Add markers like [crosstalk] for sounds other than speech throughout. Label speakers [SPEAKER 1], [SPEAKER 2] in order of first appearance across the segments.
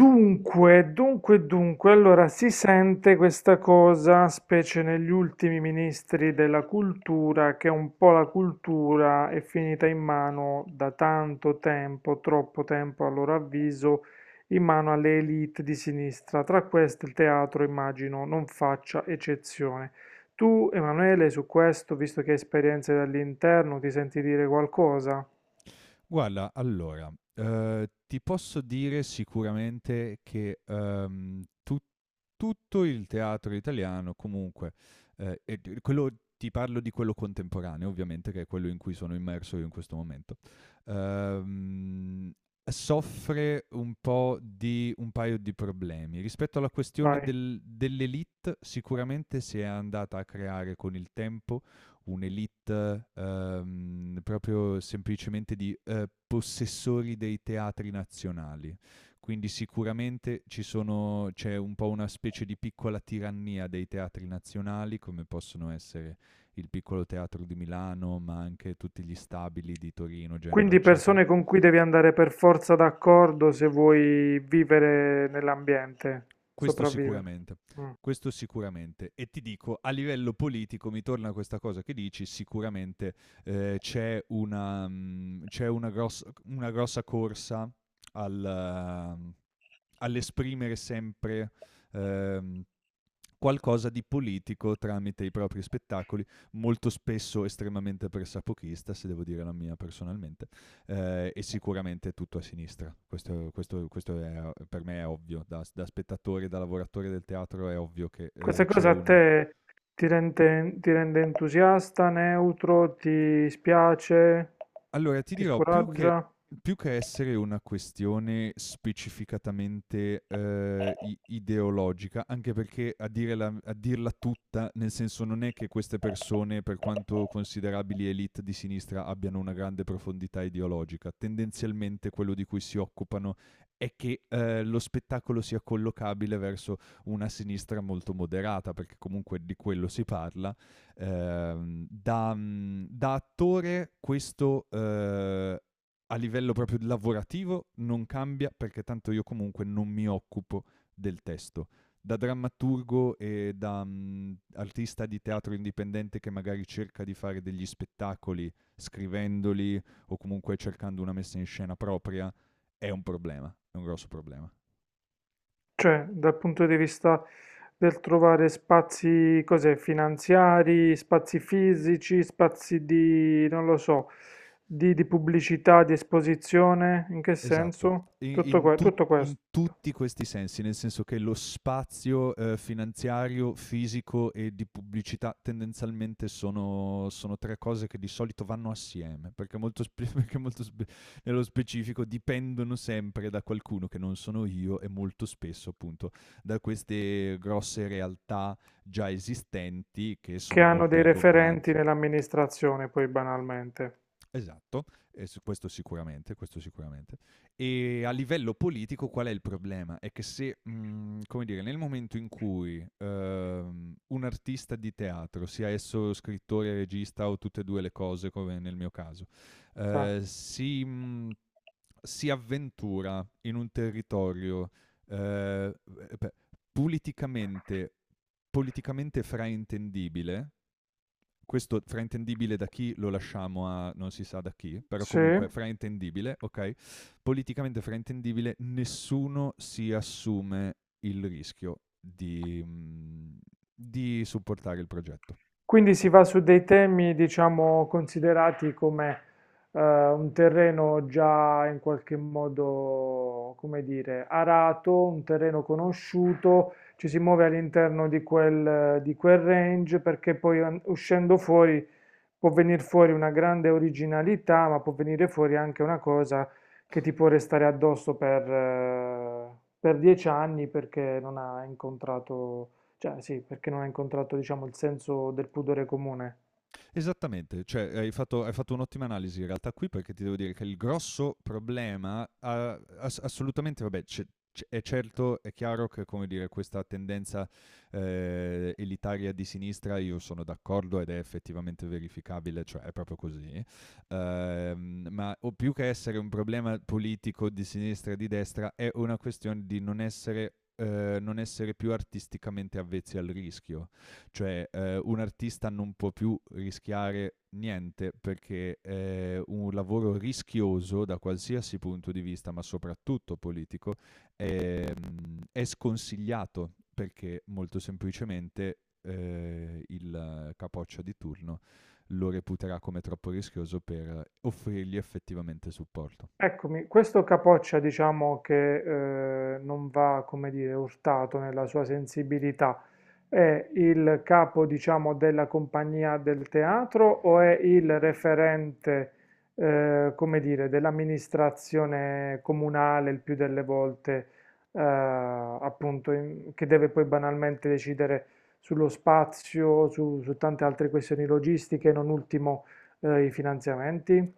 [SPEAKER 1] Dunque, allora si sente questa cosa, specie negli ultimi ministri della cultura, che un po' la cultura è finita in mano da tanto tempo, troppo tempo a loro avviso, in mano alle elite di sinistra. Tra queste il teatro, immagino, non faccia eccezione. Tu, Emanuele, su questo, visto che hai esperienze dall'interno, ti senti dire qualcosa?
[SPEAKER 2] Guarda, allora, ti posso dire sicuramente che, tu tutto il teatro italiano comunque, e d quello ti parlo di quello contemporaneo ovviamente, che è quello in cui sono immerso io in questo momento. ehm, Soffre un po' di un paio di problemi. Rispetto alla questione
[SPEAKER 1] Vai.
[SPEAKER 2] dell'élite, sicuramente si è andata a creare con il tempo un'elite proprio semplicemente di possessori dei teatri nazionali. Quindi sicuramente c'è un po' una specie di piccola tirannia dei teatri nazionali, come possono essere il piccolo teatro di Milano, ma anche tutti gli stabili di Torino, Genova,
[SPEAKER 1] Quindi
[SPEAKER 2] eccetera.
[SPEAKER 1] persone con cui devi andare per forza d'accordo se vuoi vivere nell'ambiente,
[SPEAKER 2] Questo
[SPEAKER 1] sopravvivere.
[SPEAKER 2] sicuramente,
[SPEAKER 1] Mm.
[SPEAKER 2] questo sicuramente. E ti dico, a livello politico, mi torna questa cosa che dici, sicuramente c'è c'è una grossa corsa al, eh, all'esprimere sempre ehm, qualcosa di politico tramite i propri spettacoli, molto spesso estremamente pressapochista, se devo dire la mia personalmente. E sicuramente tutto a sinistra. Per me è ovvio, da spettatore, da lavoratore del teatro è ovvio che
[SPEAKER 1] Questa
[SPEAKER 2] c'è
[SPEAKER 1] cosa a
[SPEAKER 2] una.
[SPEAKER 1] te ti rende entusiasta, neutro, ti spiace,
[SPEAKER 2] Allora ti
[SPEAKER 1] ti
[SPEAKER 2] dirò,
[SPEAKER 1] scoraggia?
[SPEAKER 2] più che essere una questione specificatamente, i ideologica, anche perché a dire la a dirla tutta, nel senso non è che queste persone, per quanto considerabili élite di sinistra, abbiano una grande profondità ideologica. Tendenzialmente quello di cui si occupano è che, lo spettacolo sia collocabile verso una sinistra molto moderata, perché comunque di quello si parla. Da attore questo a livello proprio lavorativo non cambia perché tanto io comunque non mi occupo del testo. Da drammaturgo e da artista di teatro indipendente che magari cerca di fare degli spettacoli scrivendoli o comunque cercando una messa in scena propria, è un problema, è un grosso problema.
[SPEAKER 1] Cioè, dal punto di vista del trovare spazi, cos'è, finanziari, spazi fisici, spazi di, non lo so, di, pubblicità, di esposizione, in che
[SPEAKER 2] Esatto.
[SPEAKER 1] senso?
[SPEAKER 2] I
[SPEAKER 1] Tutto,
[SPEAKER 2] in tut
[SPEAKER 1] tutto
[SPEAKER 2] In
[SPEAKER 1] questo,
[SPEAKER 2] tutti questi sensi, nel senso che lo spazio, finanziario, fisico e di pubblicità tendenzialmente sono 3 cose che di solito vanno assieme, perché molto spe [laughs] perché molto spe nello specifico dipendono sempre da qualcuno che non sono io e molto spesso appunto da queste grosse realtà già esistenti che
[SPEAKER 1] che
[SPEAKER 2] sono
[SPEAKER 1] hanno
[SPEAKER 2] molto
[SPEAKER 1] dei
[SPEAKER 2] ingombranti.
[SPEAKER 1] referenti nell'amministrazione, poi banalmente.
[SPEAKER 2] Esatto, e su questo sicuramente, questo sicuramente. E a livello politico qual è il problema? È che se, come dire, nel momento in cui un artista di teatro, sia esso scrittore, regista o tutte e due le cose, come nel mio caso,
[SPEAKER 1] Sa.
[SPEAKER 2] eh, si, mh, si avventura in un territorio, eh, beh, politicamente politicamente fraintendibile, questo fraintendibile da chi lo lasciamo a non si sa da chi, però
[SPEAKER 1] Sì.
[SPEAKER 2] comunque fraintendibile, ok? Politicamente fraintendibile, nessuno si assume il rischio di supportare il progetto.
[SPEAKER 1] Quindi si va su dei temi, diciamo, considerati come un terreno già in qualche modo, come dire, arato, un terreno conosciuto, ci si muove all'interno di quel range perché poi uscendo fuori può venire fuori una grande originalità, ma può venire fuori anche una cosa che ti può restare addosso per 10 anni perché non ha incontrato, cioè sì, perché non ha incontrato, diciamo, il senso del pudore comune.
[SPEAKER 2] Esattamente, cioè hai fatto un'ottima analisi in realtà qui perché ti devo dire che il grosso problema, assolutamente, vabbè, è certo, è chiaro che come dire, questa tendenza elitaria di sinistra io sono d'accordo ed è effettivamente verificabile, cioè è proprio così. Ma o più che essere un problema politico di sinistra e di destra è una questione di non essere più artisticamente avvezzi al rischio. Cioè, un artista non può più rischiare niente perché un lavoro rischioso da qualsiasi punto di vista, ma soprattutto politico, è sconsigliato perché molto semplicemente il capoccia di turno lo reputerà come troppo rischioso per offrirgli effettivamente supporto.
[SPEAKER 1] Eccomi, questo capoccia diciamo che non va, come dire, urtato nella sua sensibilità, è il capo diciamo della compagnia del teatro o è il referente, come dire, dell'amministrazione comunale il più delle volte, appunto, che deve poi banalmente decidere sullo spazio, su, su tante altre questioni logistiche, non ultimo i finanziamenti?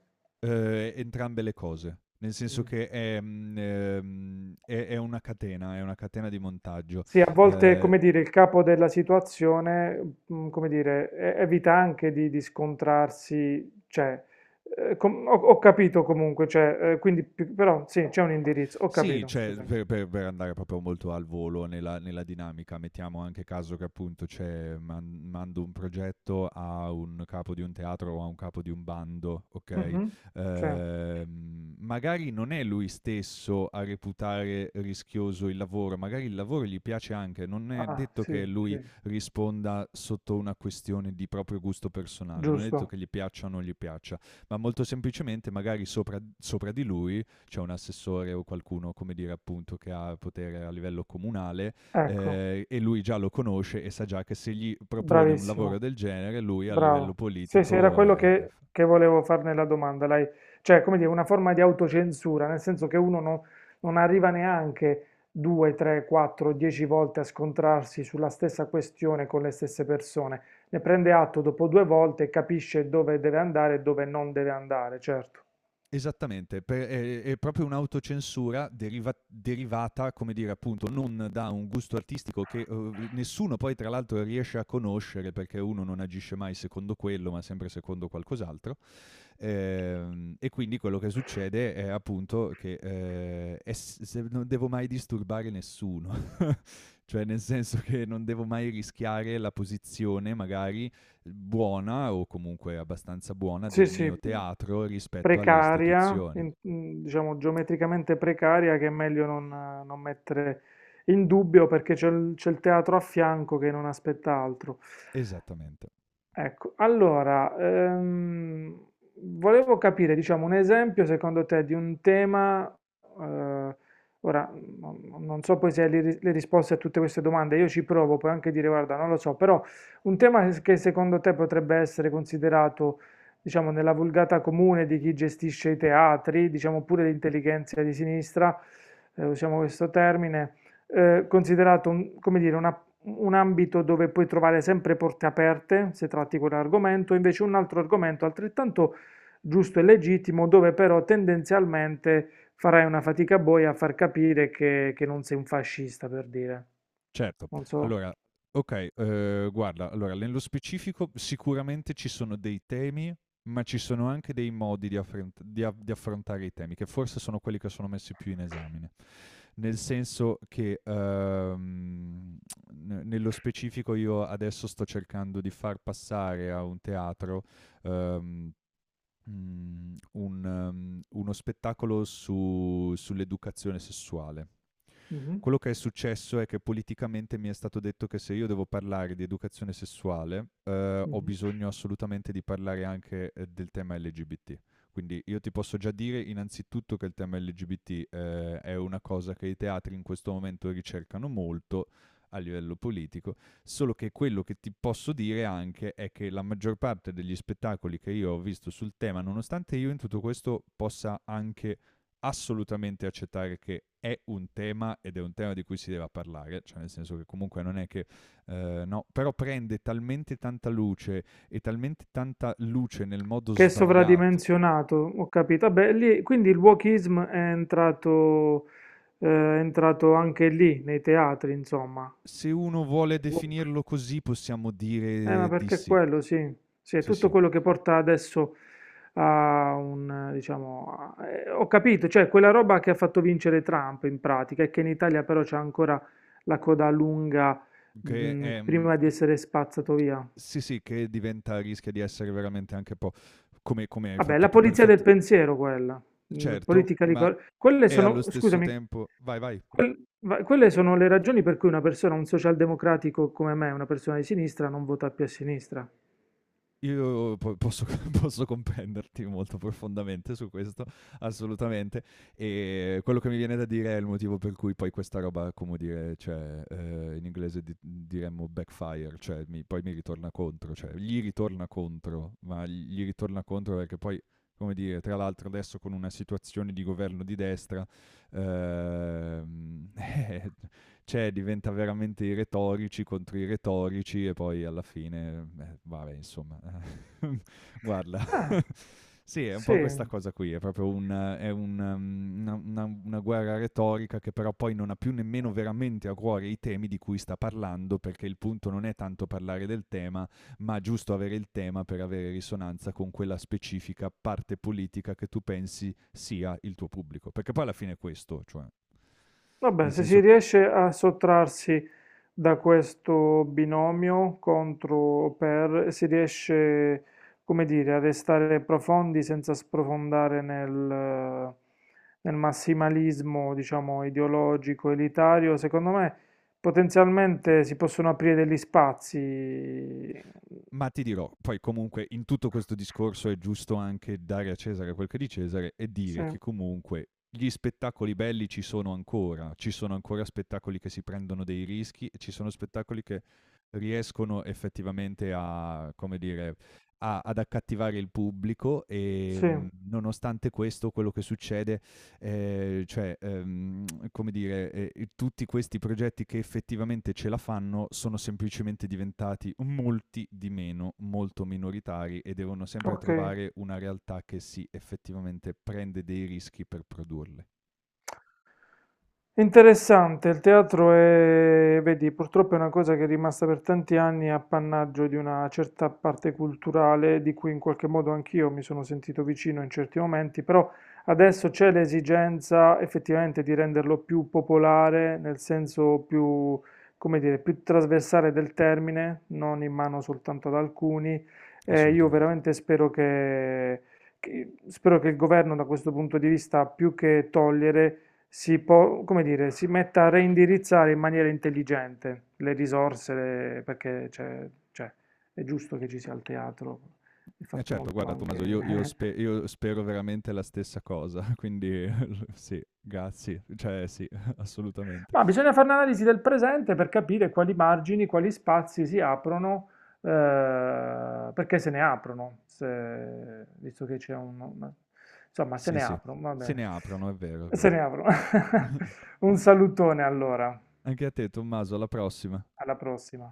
[SPEAKER 2] Entrambe le cose, nel senso
[SPEAKER 1] Mm.
[SPEAKER 2] che è una catena di montaggio.
[SPEAKER 1] Sì, a volte,
[SPEAKER 2] Eh,
[SPEAKER 1] come dire, il capo della situazione, come dire, evita anche di, scontrarsi, cioè, ho capito comunque, cioè, quindi, però sì, c'è un indirizzo, ho
[SPEAKER 2] Sì,
[SPEAKER 1] capito,
[SPEAKER 2] cioè
[SPEAKER 1] scusami.
[SPEAKER 2] per andare proprio molto al volo nella, nella dinamica, mettiamo anche caso che appunto mando un progetto a un capo di un teatro o a un capo di un bando, ok?
[SPEAKER 1] Mhm, sì.
[SPEAKER 2] Magari non è lui stesso a reputare rischioso il lavoro, magari il lavoro gli piace anche, non è
[SPEAKER 1] Ah,
[SPEAKER 2] detto che
[SPEAKER 1] sì,
[SPEAKER 2] lui
[SPEAKER 1] sì,
[SPEAKER 2] risponda sotto una questione di proprio gusto personale, non è detto
[SPEAKER 1] giusto,
[SPEAKER 2] che gli piaccia o non gli piaccia, ma molto semplicemente magari sopra di lui c'è un assessore o qualcuno, come dire, appunto, che ha potere a livello comunale,
[SPEAKER 1] ecco,
[SPEAKER 2] e lui già lo conosce e sa già che se gli propone un
[SPEAKER 1] bravissimo.
[SPEAKER 2] lavoro del genere, lui a
[SPEAKER 1] Bravo.
[SPEAKER 2] livello
[SPEAKER 1] Sì, sì, era
[SPEAKER 2] politico
[SPEAKER 1] quello
[SPEAKER 2] è...
[SPEAKER 1] che volevo far nella domanda. Lei, cioè, come dire, una forma di autocensura, nel senso che uno non arriva neanche 2, 3, 4, 10 volte a scontrarsi sulla stessa questione con le stesse persone. Ne prende atto dopo 2 volte e capisce dove deve andare e dove non deve andare, certo.
[SPEAKER 2] Esattamente, è, proprio un'autocensura derivata, come dire, appunto, non da un gusto artistico che nessuno poi tra l'altro riesce a conoscere perché uno non agisce mai secondo quello, ma sempre secondo qualcos'altro. E quindi quello che succede è appunto che se non devo mai disturbare nessuno, [laughs] cioè nel senso che non devo mai rischiare la posizione magari buona o comunque abbastanza buona
[SPEAKER 1] Sì,
[SPEAKER 2] del
[SPEAKER 1] sì,
[SPEAKER 2] mio teatro rispetto alle
[SPEAKER 1] precaria,
[SPEAKER 2] istituzioni.
[SPEAKER 1] diciamo geometricamente precaria, che è meglio non mettere in dubbio perché c'è il teatro a fianco che non aspetta altro.
[SPEAKER 2] Esattamente.
[SPEAKER 1] Ecco, allora, volevo capire, diciamo, un esempio secondo te di un tema, eh, ora non so poi se hai le risposte a tutte queste domande, io ci provo, puoi anche dire, guarda, non lo so, però un tema che secondo te potrebbe essere considerato, diciamo, nella vulgata comune di chi gestisce i teatri, diciamo pure l'intelligenza di sinistra, usiamo questo termine, considerato, come dire, una un ambito dove puoi trovare sempre porte aperte se tratti quell'argomento, invece un altro argomento altrettanto giusto e legittimo dove però tendenzialmente farai una fatica boia a far capire che non sei un fascista, per dire.
[SPEAKER 2] Certo.
[SPEAKER 1] Non so.
[SPEAKER 2] Allora, okay, guarda, allora nello specifico sicuramente ci sono dei temi, ma ci sono anche dei modi di affrent di a di affrontare i temi, che forse sono quelli che sono messi più in esame. Nel senso che, ne nello specifico io adesso sto cercando di far passare a un teatro, uhm, mhmm, un uno spettacolo su sull'educazione sessuale.
[SPEAKER 1] Mhm,
[SPEAKER 2] Quello che è successo è che politicamente mi è stato detto che se io devo parlare di educazione sessuale, ho
[SPEAKER 1] mhm.
[SPEAKER 2] bisogno assolutamente di parlare anche del tema LGBT. Quindi io ti posso già dire innanzitutto che il tema LGBT è una cosa che i teatri in questo momento ricercano molto a livello politico. Solo che quello che ti posso dire anche è che la maggior parte degli spettacoli che io ho visto sul tema, nonostante io in tutto questo possa anche assolutamente accettare che è un tema ed è un tema di cui si deve parlare, cioè nel senso che comunque non è che no, però prende talmente tanta luce e talmente tanta luce nel modo
[SPEAKER 1] Che è
[SPEAKER 2] sbagliato.
[SPEAKER 1] sovradimensionato, ho capito. Vabbè, lì, quindi il wokism è entrato anche lì, nei teatri, insomma.
[SPEAKER 2] Se uno vuole definirlo così, possiamo
[SPEAKER 1] Ma
[SPEAKER 2] dire di
[SPEAKER 1] perché è
[SPEAKER 2] sì.
[SPEAKER 1] quello, sì. Sì, è
[SPEAKER 2] Sì,
[SPEAKER 1] tutto
[SPEAKER 2] sì,
[SPEAKER 1] quello che porta adesso a un, diciamo, ho capito, cioè quella roba che ha fatto vincere Trump in pratica, e che in Italia però c'è ancora la coda lunga,
[SPEAKER 2] che è, mm,
[SPEAKER 1] prima di essere spazzato via.
[SPEAKER 2] sì, sì, che diventa rischia di essere veramente anche un po' come, come hai
[SPEAKER 1] Vabbè,
[SPEAKER 2] fatto
[SPEAKER 1] la
[SPEAKER 2] tu,
[SPEAKER 1] polizia del
[SPEAKER 2] perfetto,
[SPEAKER 1] pensiero quella,
[SPEAKER 2] certo, ma
[SPEAKER 1] Quelle
[SPEAKER 2] e allo
[SPEAKER 1] sono,
[SPEAKER 2] stesso
[SPEAKER 1] scusami,
[SPEAKER 2] tempo, vai, vai.
[SPEAKER 1] quelle sono le ragioni per cui una persona, un socialdemocratico come me, una persona di sinistra, non vota più a sinistra.
[SPEAKER 2] Io posso, [laughs] posso comprenderti molto profondamente su questo, assolutamente. E quello che mi viene da dire è il motivo per cui poi questa roba, come dire, cioè, in inglese diremmo backfire, cioè poi mi ritorna contro, cioè gli ritorna contro, ma gli ritorna contro perché poi, come dire, tra l'altro adesso con una situazione di governo di destra, ehm, [laughs] eh, cioè diventa veramente i retorici contro i retorici e poi alla fine, vabbè, insomma. [laughs] Guarda,
[SPEAKER 1] Eh,
[SPEAKER 2] [laughs] sì, è un po' questa
[SPEAKER 1] sì.
[SPEAKER 2] cosa qui, è un, una guerra retorica che però poi non ha più nemmeno veramente a cuore i temi di cui sta parlando, perché il punto non è tanto parlare del tema, ma giusto avere il tema per avere risonanza con quella specifica parte politica che tu pensi sia il tuo pubblico. Perché poi alla fine è questo, cioè,
[SPEAKER 1] Vabbè,
[SPEAKER 2] nel
[SPEAKER 1] se si
[SPEAKER 2] senso.
[SPEAKER 1] riesce a sottrarsi da questo binomio contro o per, si riesce, come dire, a restare profondi senza sprofondare nel, massimalismo, diciamo, ideologico, elitario, secondo me potenzialmente si possono aprire degli spazi.
[SPEAKER 2] Ma ti dirò, poi comunque in tutto questo discorso è giusto anche dare a Cesare quel che è di Cesare e
[SPEAKER 1] Sì,
[SPEAKER 2] dire che comunque gli spettacoli belli ci sono ancora spettacoli che si prendono dei rischi e ci sono spettacoli che riescono effettivamente a, come dire, ad accattivare il pubblico e
[SPEAKER 1] sì,
[SPEAKER 2] nonostante questo quello che succede eh, cioè, ehm, come dire, tutti questi progetti che effettivamente ce la fanno sono semplicemente diventati molti di meno, molto minoritari e devono sempre
[SPEAKER 1] ok.
[SPEAKER 2] trovare una realtà che si effettivamente prende dei rischi per produrle.
[SPEAKER 1] È interessante, il teatro è, vedi, purtroppo è una cosa che è rimasta per tanti anni appannaggio di una certa parte culturale di cui in qualche modo anch'io mi sono sentito vicino in certi momenti, però adesso c'è l'esigenza effettivamente di renderlo più popolare, nel senso più, come dire, più trasversale del termine, non in mano soltanto ad alcuni. Io
[SPEAKER 2] Assolutamente.
[SPEAKER 1] veramente spero che, spero che il governo da questo punto di vista, più che togliere, come dire, si metta a reindirizzare in maniera intelligente le risorse, perché cioè, è giusto che ci sia il teatro, è fatto
[SPEAKER 2] Certo,
[SPEAKER 1] molto
[SPEAKER 2] guarda Tommaso,
[SPEAKER 1] anche...
[SPEAKER 2] io spero veramente la stessa cosa, quindi [laughs] sì, grazie, cioè sì, [laughs]
[SPEAKER 1] [laughs]
[SPEAKER 2] assolutamente.
[SPEAKER 1] Ma bisogna fare un'analisi del presente per capire quali margini, quali spazi si aprono, perché se ne aprono, visto che c'è un... Insomma, se
[SPEAKER 2] Sì,
[SPEAKER 1] ne
[SPEAKER 2] sì,
[SPEAKER 1] aprono, va
[SPEAKER 2] se ne
[SPEAKER 1] bene.
[SPEAKER 2] aprono, è vero, è
[SPEAKER 1] Se
[SPEAKER 2] vero.
[SPEAKER 1] ne aprono. [laughs]
[SPEAKER 2] [laughs]
[SPEAKER 1] Un salutone allora,
[SPEAKER 2] Anche a te Tommaso, alla prossima.
[SPEAKER 1] alla prossima.